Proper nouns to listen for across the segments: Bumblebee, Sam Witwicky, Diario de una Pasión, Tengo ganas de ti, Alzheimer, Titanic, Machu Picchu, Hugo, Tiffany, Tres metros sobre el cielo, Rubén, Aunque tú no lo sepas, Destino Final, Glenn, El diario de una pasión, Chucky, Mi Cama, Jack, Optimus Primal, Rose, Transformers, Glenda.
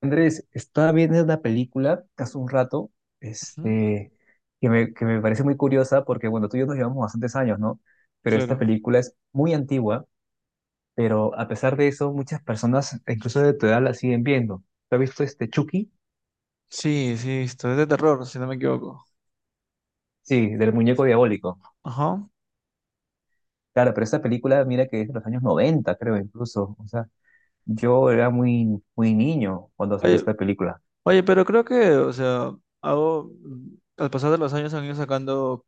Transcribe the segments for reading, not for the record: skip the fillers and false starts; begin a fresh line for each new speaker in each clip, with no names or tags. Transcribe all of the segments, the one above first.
Andrés, estaba viendo una película hace un rato,
Mm.
este, que me parece muy curiosa porque, bueno, tú y yo nos llevamos bastantes años, ¿no? Pero esta
Claro.
película es muy antigua, pero a pesar de eso, muchas personas, incluso de tu edad, la siguen viendo. ¿Tú has visto este Chucky?
Sí, sí, esto es de terror, si no me equivoco.
Sí, del muñeco diabólico.
Ajá.
Claro, pero esta película, mira que es de los años 90, creo, incluso. O sea, yo era muy, muy niño cuando salió
Oye,
esta película.
oye, pero creo que, o sea, hago, al pasar de los años han ido sacando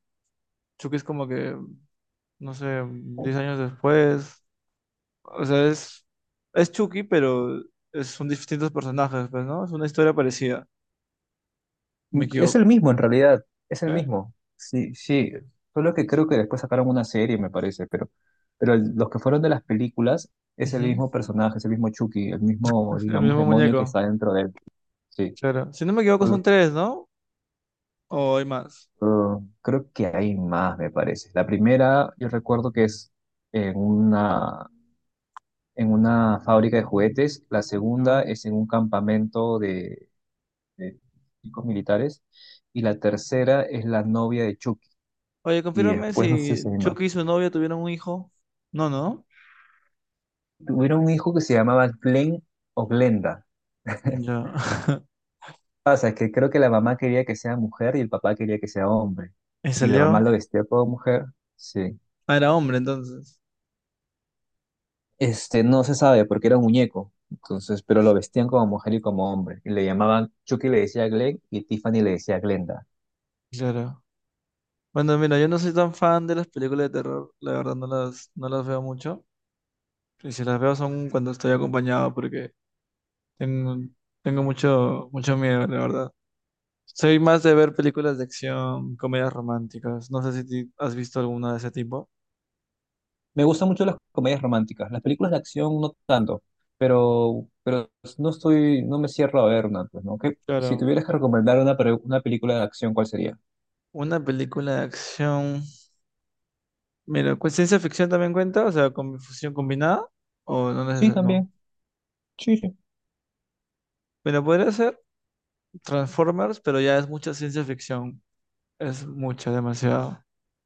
Chucky es como que, no sé, 10 años después. O sea, es Chucky, pero son distintos personajes, pues, ¿no? Es una historia parecida, si no me
Es
equivoco.
el mismo en realidad, es el
¿Eh?
mismo. Sí, sí. Solo que creo que después sacaron una serie, me parece, pero los que fueron de las películas es el
Ujú.
mismo personaje, es el mismo Chucky, el mismo,
El
digamos,
mismo
demonio que
muñeco,
está dentro de él. Sí.
claro. Si no me equivoco son
Solo,
tres, ¿no? ¿O hay más?
Creo que hay más, me parece. La primera, yo recuerdo que es en una, en una fábrica de juguetes, la segunda
No.
es en un campamento de chicos militares y la tercera es la novia de Chucky.
Oye,
Y
confírmame
después no sé si
si
hay más.
Chucky y su novia tuvieron un hijo. No, no.
Tuvieron un hijo que se llamaba Glenn o Glenda.
Ya.
Pasa que creo que la mamá quería que sea mujer y el papá quería que sea hombre.
¿Y
Y la mamá
salió?
lo vestía como mujer, sí.
Ah, era hombre entonces.
No se sabe porque era un muñeco. Entonces, pero lo vestían como mujer y como hombre. Y le llamaban, Chucky le decía Glenn y Tiffany le decía Glenda.
Claro. Bueno, mira, yo no soy tan fan de las películas de terror, la verdad no las veo mucho. Y si las veo son cuando estoy acompañado porque tengo, tengo mucho, mucho miedo, la verdad. Soy más de ver películas de acción, comedias románticas. No sé si has visto alguna de ese tipo.
Me gustan mucho las comedias románticas. Las películas de acción no tanto, pero no me cierro a ver una, pues, ¿no? Si
Claro.
tuvieras que recomendar una, una película de acción, ¿cuál sería?
Una película de acción. Mira, ¿ciencia ficción también cuenta? O sea, con fusión combinada. O
Sí,
no.
también. Sí, sí.
Pero podría ser. Transformers, pero ya es mucha ciencia ficción. Es mucha, demasiado.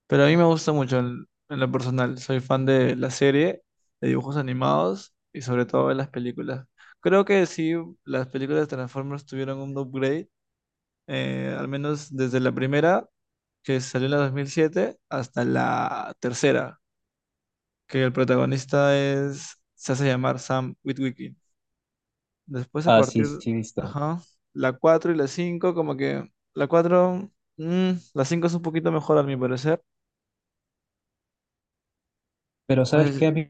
Pero a mí me gusta mucho en lo personal. Soy fan de la serie, de dibujos animados y sobre todo de las películas. Creo que sí, las películas de Transformers tuvieron un upgrade, al menos desde la primera, que salió en la 2007, hasta la tercera, que el protagonista es, se hace llamar Sam Witwicky. Después a
Ah, sí,
partir,
sí, he visto.
ajá, la 4 y la 5 como que la 4 la 5 es un poquito mejor a mi parecer.
Pero
No sé
¿sabes
si-
qué?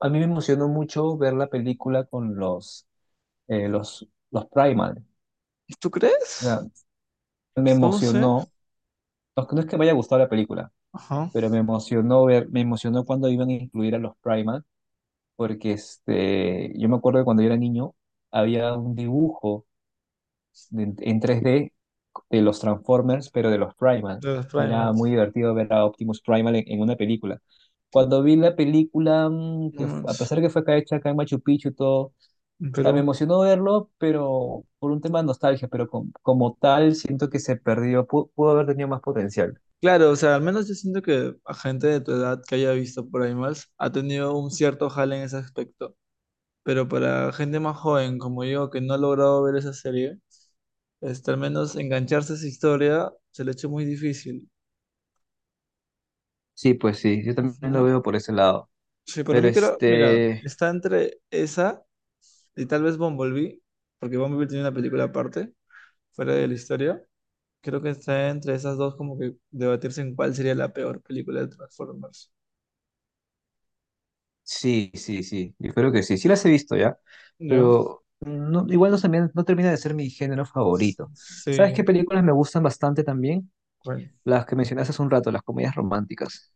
A mí me emocionó mucho ver la película con los Primal.
¿Tú
O
crees?
sea, me
No sé.
emocionó. No, no es que me haya gustado la película,
Ajá,
pero me emocionó ver, me emocionó cuando iban a incluir a los Primal, porque yo me acuerdo que cuando yo era niño había un dibujo en tres d de los Transformers, pero de los Primal.
de los
Y era muy
primals.
divertido ver a Optimus Primal en una película. Cuando vi la película,
No
que a
manches,
pesar que fue acá hecha acá en Machu Picchu y todo, o
en
sea, me
Perú.
emocionó verlo, pero por un tema de nostalgia, pero como tal siento que se perdió, pudo haber tenido más potencial.
Claro, o sea, al menos yo siento que a gente de tu edad que haya visto primals ha tenido un cierto jale en ese aspecto. Pero para gente más joven como yo que no ha logrado ver esa serie, este, al menos engancharse a esa historia se le ha hecho muy difícil.
Sí, pues sí, yo también lo
Ujú.
veo por ese lado.
Sí, pero
Pero
mí creo, mira,
este,
está entre esa y tal vez Bumblebee, porque Bumblebee tiene una película aparte, fuera de la historia. Creo que está entre esas dos como que debatirse en cuál sería la peor película de Transformers.
sí, sí, sí, yo creo que sí, sí las he visto ya,
¿Yo?
pero no, igual no, no termina de ser mi género favorito. ¿Sabes qué
Sí,
películas me gustan bastante también?
bueno.
Las que mencionaste hace un rato, las comedias románticas.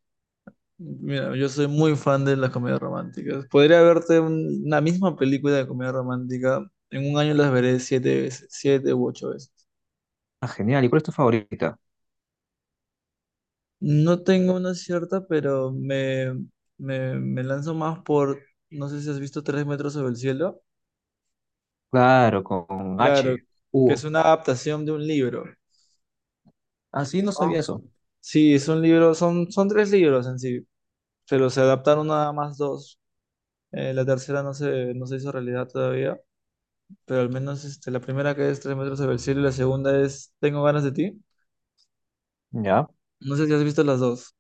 Mira, yo soy muy fan de las comedias románticas. Podría verte una misma película de comedia romántica, en un año las veré siete veces, siete u ocho veces.
Ah, genial, ¿y cuál es tu favorita?
No tengo una cierta, pero me lanzo más por, no sé si has visto Tres metros sobre el cielo.
Claro, con
Claro,
H,
que es
Hugo.
una adaptación de un libro,
Ah, sí, no
¿no?
sabía eso.
Sí, es un libro, son tres libros en sí, pero se adaptaron nada más dos. La tercera no se hizo realidad todavía, pero al menos este, la primera que es Tres metros sobre el cielo y la segunda es Tengo ganas de ti.
Ya.
No sé si has visto las dos.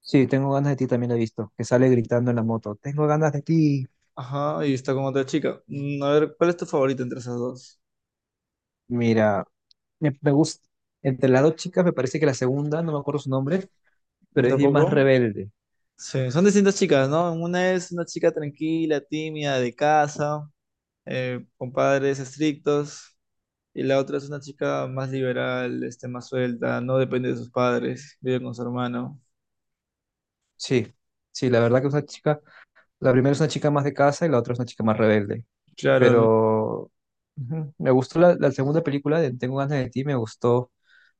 Sí, tengo ganas de ti también la he visto, que sale gritando en la moto. Tengo ganas de ti.
Ajá, y está con otra chica. Mm, a ver, ¿cuál es tu favorita entre esas dos?
Mira, me gusta. Entre las dos chicas me parece que la segunda, no me acuerdo su nombre, pero es bien
¿Tampoco?
más rebelde.
Sí, son distintas chicas, ¿no? Una es una chica tranquila, tímida, de casa, con padres estrictos, y la otra es una chica más liberal, este, más suelta, no depende de sus padres, vive con su hermano.
Sí, sí, la primera es una chica más de casa y la otra es una chica más rebelde,
Claro, l-
pero ujú, me gustó la segunda película de Tengo ganas de ti, me gustó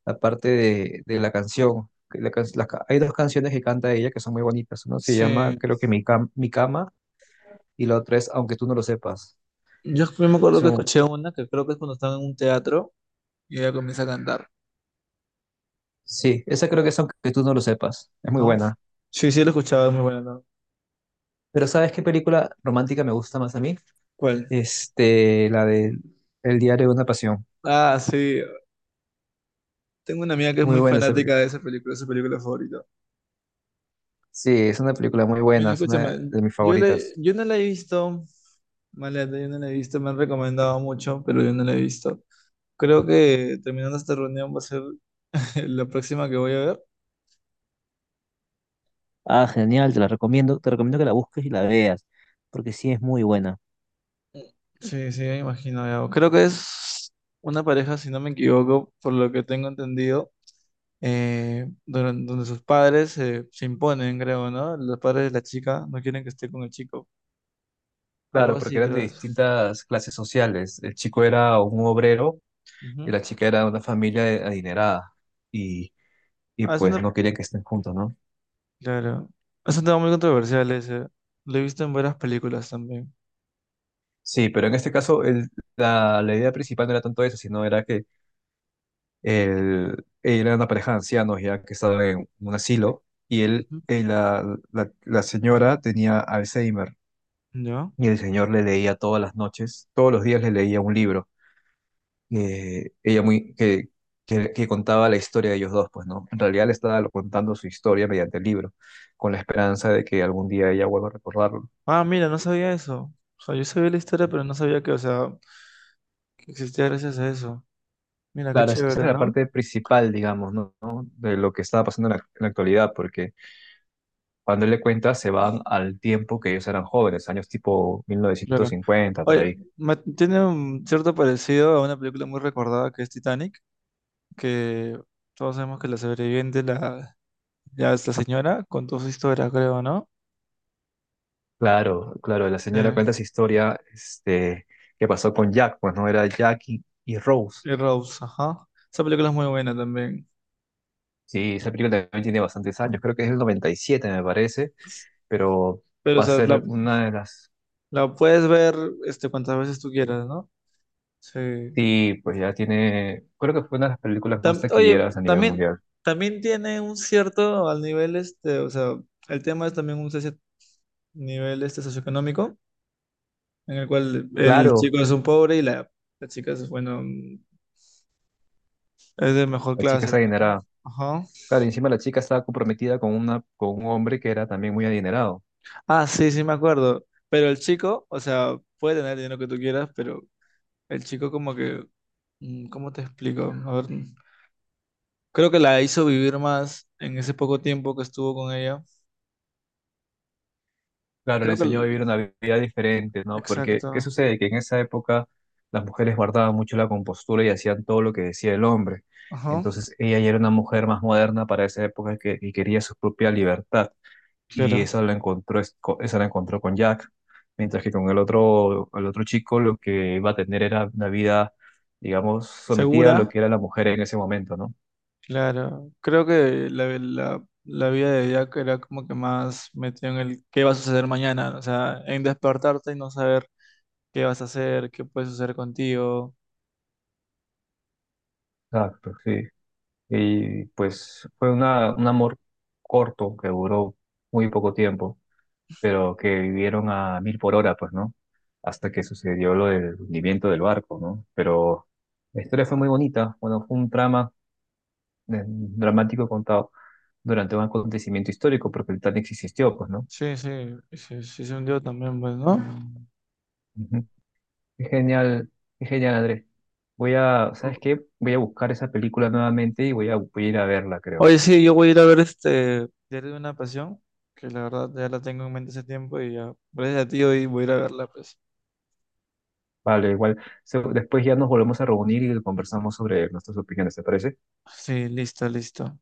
la parte de la canción. Que la can- la ca- hay dos canciones que canta ella que son muy bonitas, una se llama
sí.
creo que Mi Cama y la otra es Aunque tú no lo sepas.
Yo me acuerdo que
Son,
escuché una que creo que es cuando estaba en un teatro y ella comienza a cantar,
sí, esa creo que es Aunque tú no lo sepas, es muy
¿no?
buena.
Sí, sí, lo escuchaba, es muy buena, ¿no?
Pero ¿sabes qué película romántica me gusta más a mí?
¿Cuál?
La de El diario de una pasión.
Ah, sí. Tengo una amiga que es
Muy
muy
buena esa.
fanática de esa película, es su película favorita.
Sí, es una película muy
Mira,
buena, es una
escúchame,
de mis favoritas.
yo no la he visto. Maleta, yo no la he visto, me han recomendado mucho, pero yo no la he visto. Creo que terminando esta reunión va a ser la próxima que voy a ver.
Ah, genial, te la recomiendo, te recomiendo que la busques y la veas, porque sí es muy buena.
Sí, sí, me imagino, ya. Creo que es una pareja, si no me equivoco, por lo que tengo entendido, sus padres se imponen, creo, ¿no? Los padres de la chica no quieren que esté con el chico. Algo
Claro, porque
así,
eran de
creo es.
distintas clases sociales. El chico era un obrero y
Ujú.
la chica era de una adinerada y, y
Ah, es
pues
una-
no querían que estén juntos, ¿no?
claro. Es un tema muy controversial ese. Lo he visto en varias películas también.
Sí, pero en este caso la idea principal no era tanto eso, sino era que él, era una pareja de ancianos ya que estaba en un asilo y él,
Ujú.
la señora tenía Alzheimer
¿Ya?
y el señor le leía todas las noches, todos los días le leía un libro, ella muy, que contaba la historia de ellos dos, pues, ¿no? En realidad le estaba contando su historia mediante el libro, con la esperanza de que algún día ella vuelva a recordarlo.
Ah, mira, no sabía eso. O sea, yo sabía la historia, pero no sabía que, o sea, que existía gracias a eso. Mira, qué
Claro, esa
chévere,
era la
¿no?
parte principal, digamos, ¿no? ¿No? De lo que estaba pasando en en la actualidad, porque cuando él le cuenta se van al tiempo que ellos eran jóvenes, años tipo
Claro.
1950, por
Oye,
ahí.
tiene un cierto parecido a una película muy recordada que es Titanic, que todos sabemos que ya es la señora, contó su historia, creo, ¿no?
Claro, claro, la señora
Eh,
cuenta esa historia, que pasó con Jack, pues, ¿no? Era Jack y Rose.
y Rose, ajá. Esa película es muy buena también.
Sí, esa película también tiene bastantes años, creo que es el 97 me parece, pero
Pero, o
va a
sea,
ser una de las...
la puedes ver este, cuantas veces tú quieras, ¿no? Sí.
Sí, pues ya tiene, creo que fue una de las películas más
Oye,
taquilleras a nivel mundial.
también tiene un cierto al nivel este, o sea, el tema es también un cierto nivel este socioeconómico, en el cual el
Claro,
chico es un pobre y la chica es, bueno, mm, es de mejor
la chica
clase,
es
pues, ¿no?
adinerada.
Ajá.
Claro, y encima la chica estaba comprometida con un hombre que era también muy adinerado.
Ah, sí, sí me acuerdo. Pero el chico, o sea, puede tener el dinero que tú quieras, pero el chico como que, mm, ¿cómo te explico? A ver, mm, creo que la hizo vivir más en ese poco tiempo que estuvo con ella.
Claro, le
Creo que,
enseñó a
el-
vivir una vida diferente, ¿no? Porque, ¿qué
exacto.
sucede? Que en esa época las mujeres guardaban mucho la compostura y hacían todo lo que decía el hombre.
Ajá.
Entonces ella ya era una mujer más moderna para esa época y quería su propia libertad. Y
Claro.
esa la encontró, esa la encontró con Jack, mientras que con el otro chico lo que iba a tener era una vida, digamos, sometida a
Segura,
lo que era la mujer en ese momento, ¿no?
claro. Creo que la vida de Jack era como que más metido en el qué va a suceder mañana, o sea, en despertarte y no saber qué vas a hacer, qué puede suceder contigo.
Exacto, sí. Y pues fue una, un amor corto que duró muy poco tiempo, pero que vivieron a mil por hora, pues, ¿no? Hasta que sucedió lo del hundimiento del barco, ¿no? Pero la historia fue muy bonita, bueno, fue un trama dramático contado durante un acontecimiento histórico, porque el Titanic sí existió, pues, ¿no?
Sí, sí, sí se hundió también, pues, ¿no? Mm.
Ujú. Qué genial, qué genial, Andrés. Voy a, ¿sabes qué? Voy a buscar esa película nuevamente y voy a, voy a ir a verla, creo.
Oye, sí, yo voy a ir a ver este Diario de una Pasión, que la verdad ya la tengo en mente hace tiempo y ya, gracias a ti hoy voy a ir a verla, pues.
Vale, igual, después ya nos volvemos a reunir y conversamos sobre nuestras opiniones, ¿te parece?
Sí, listo, listo.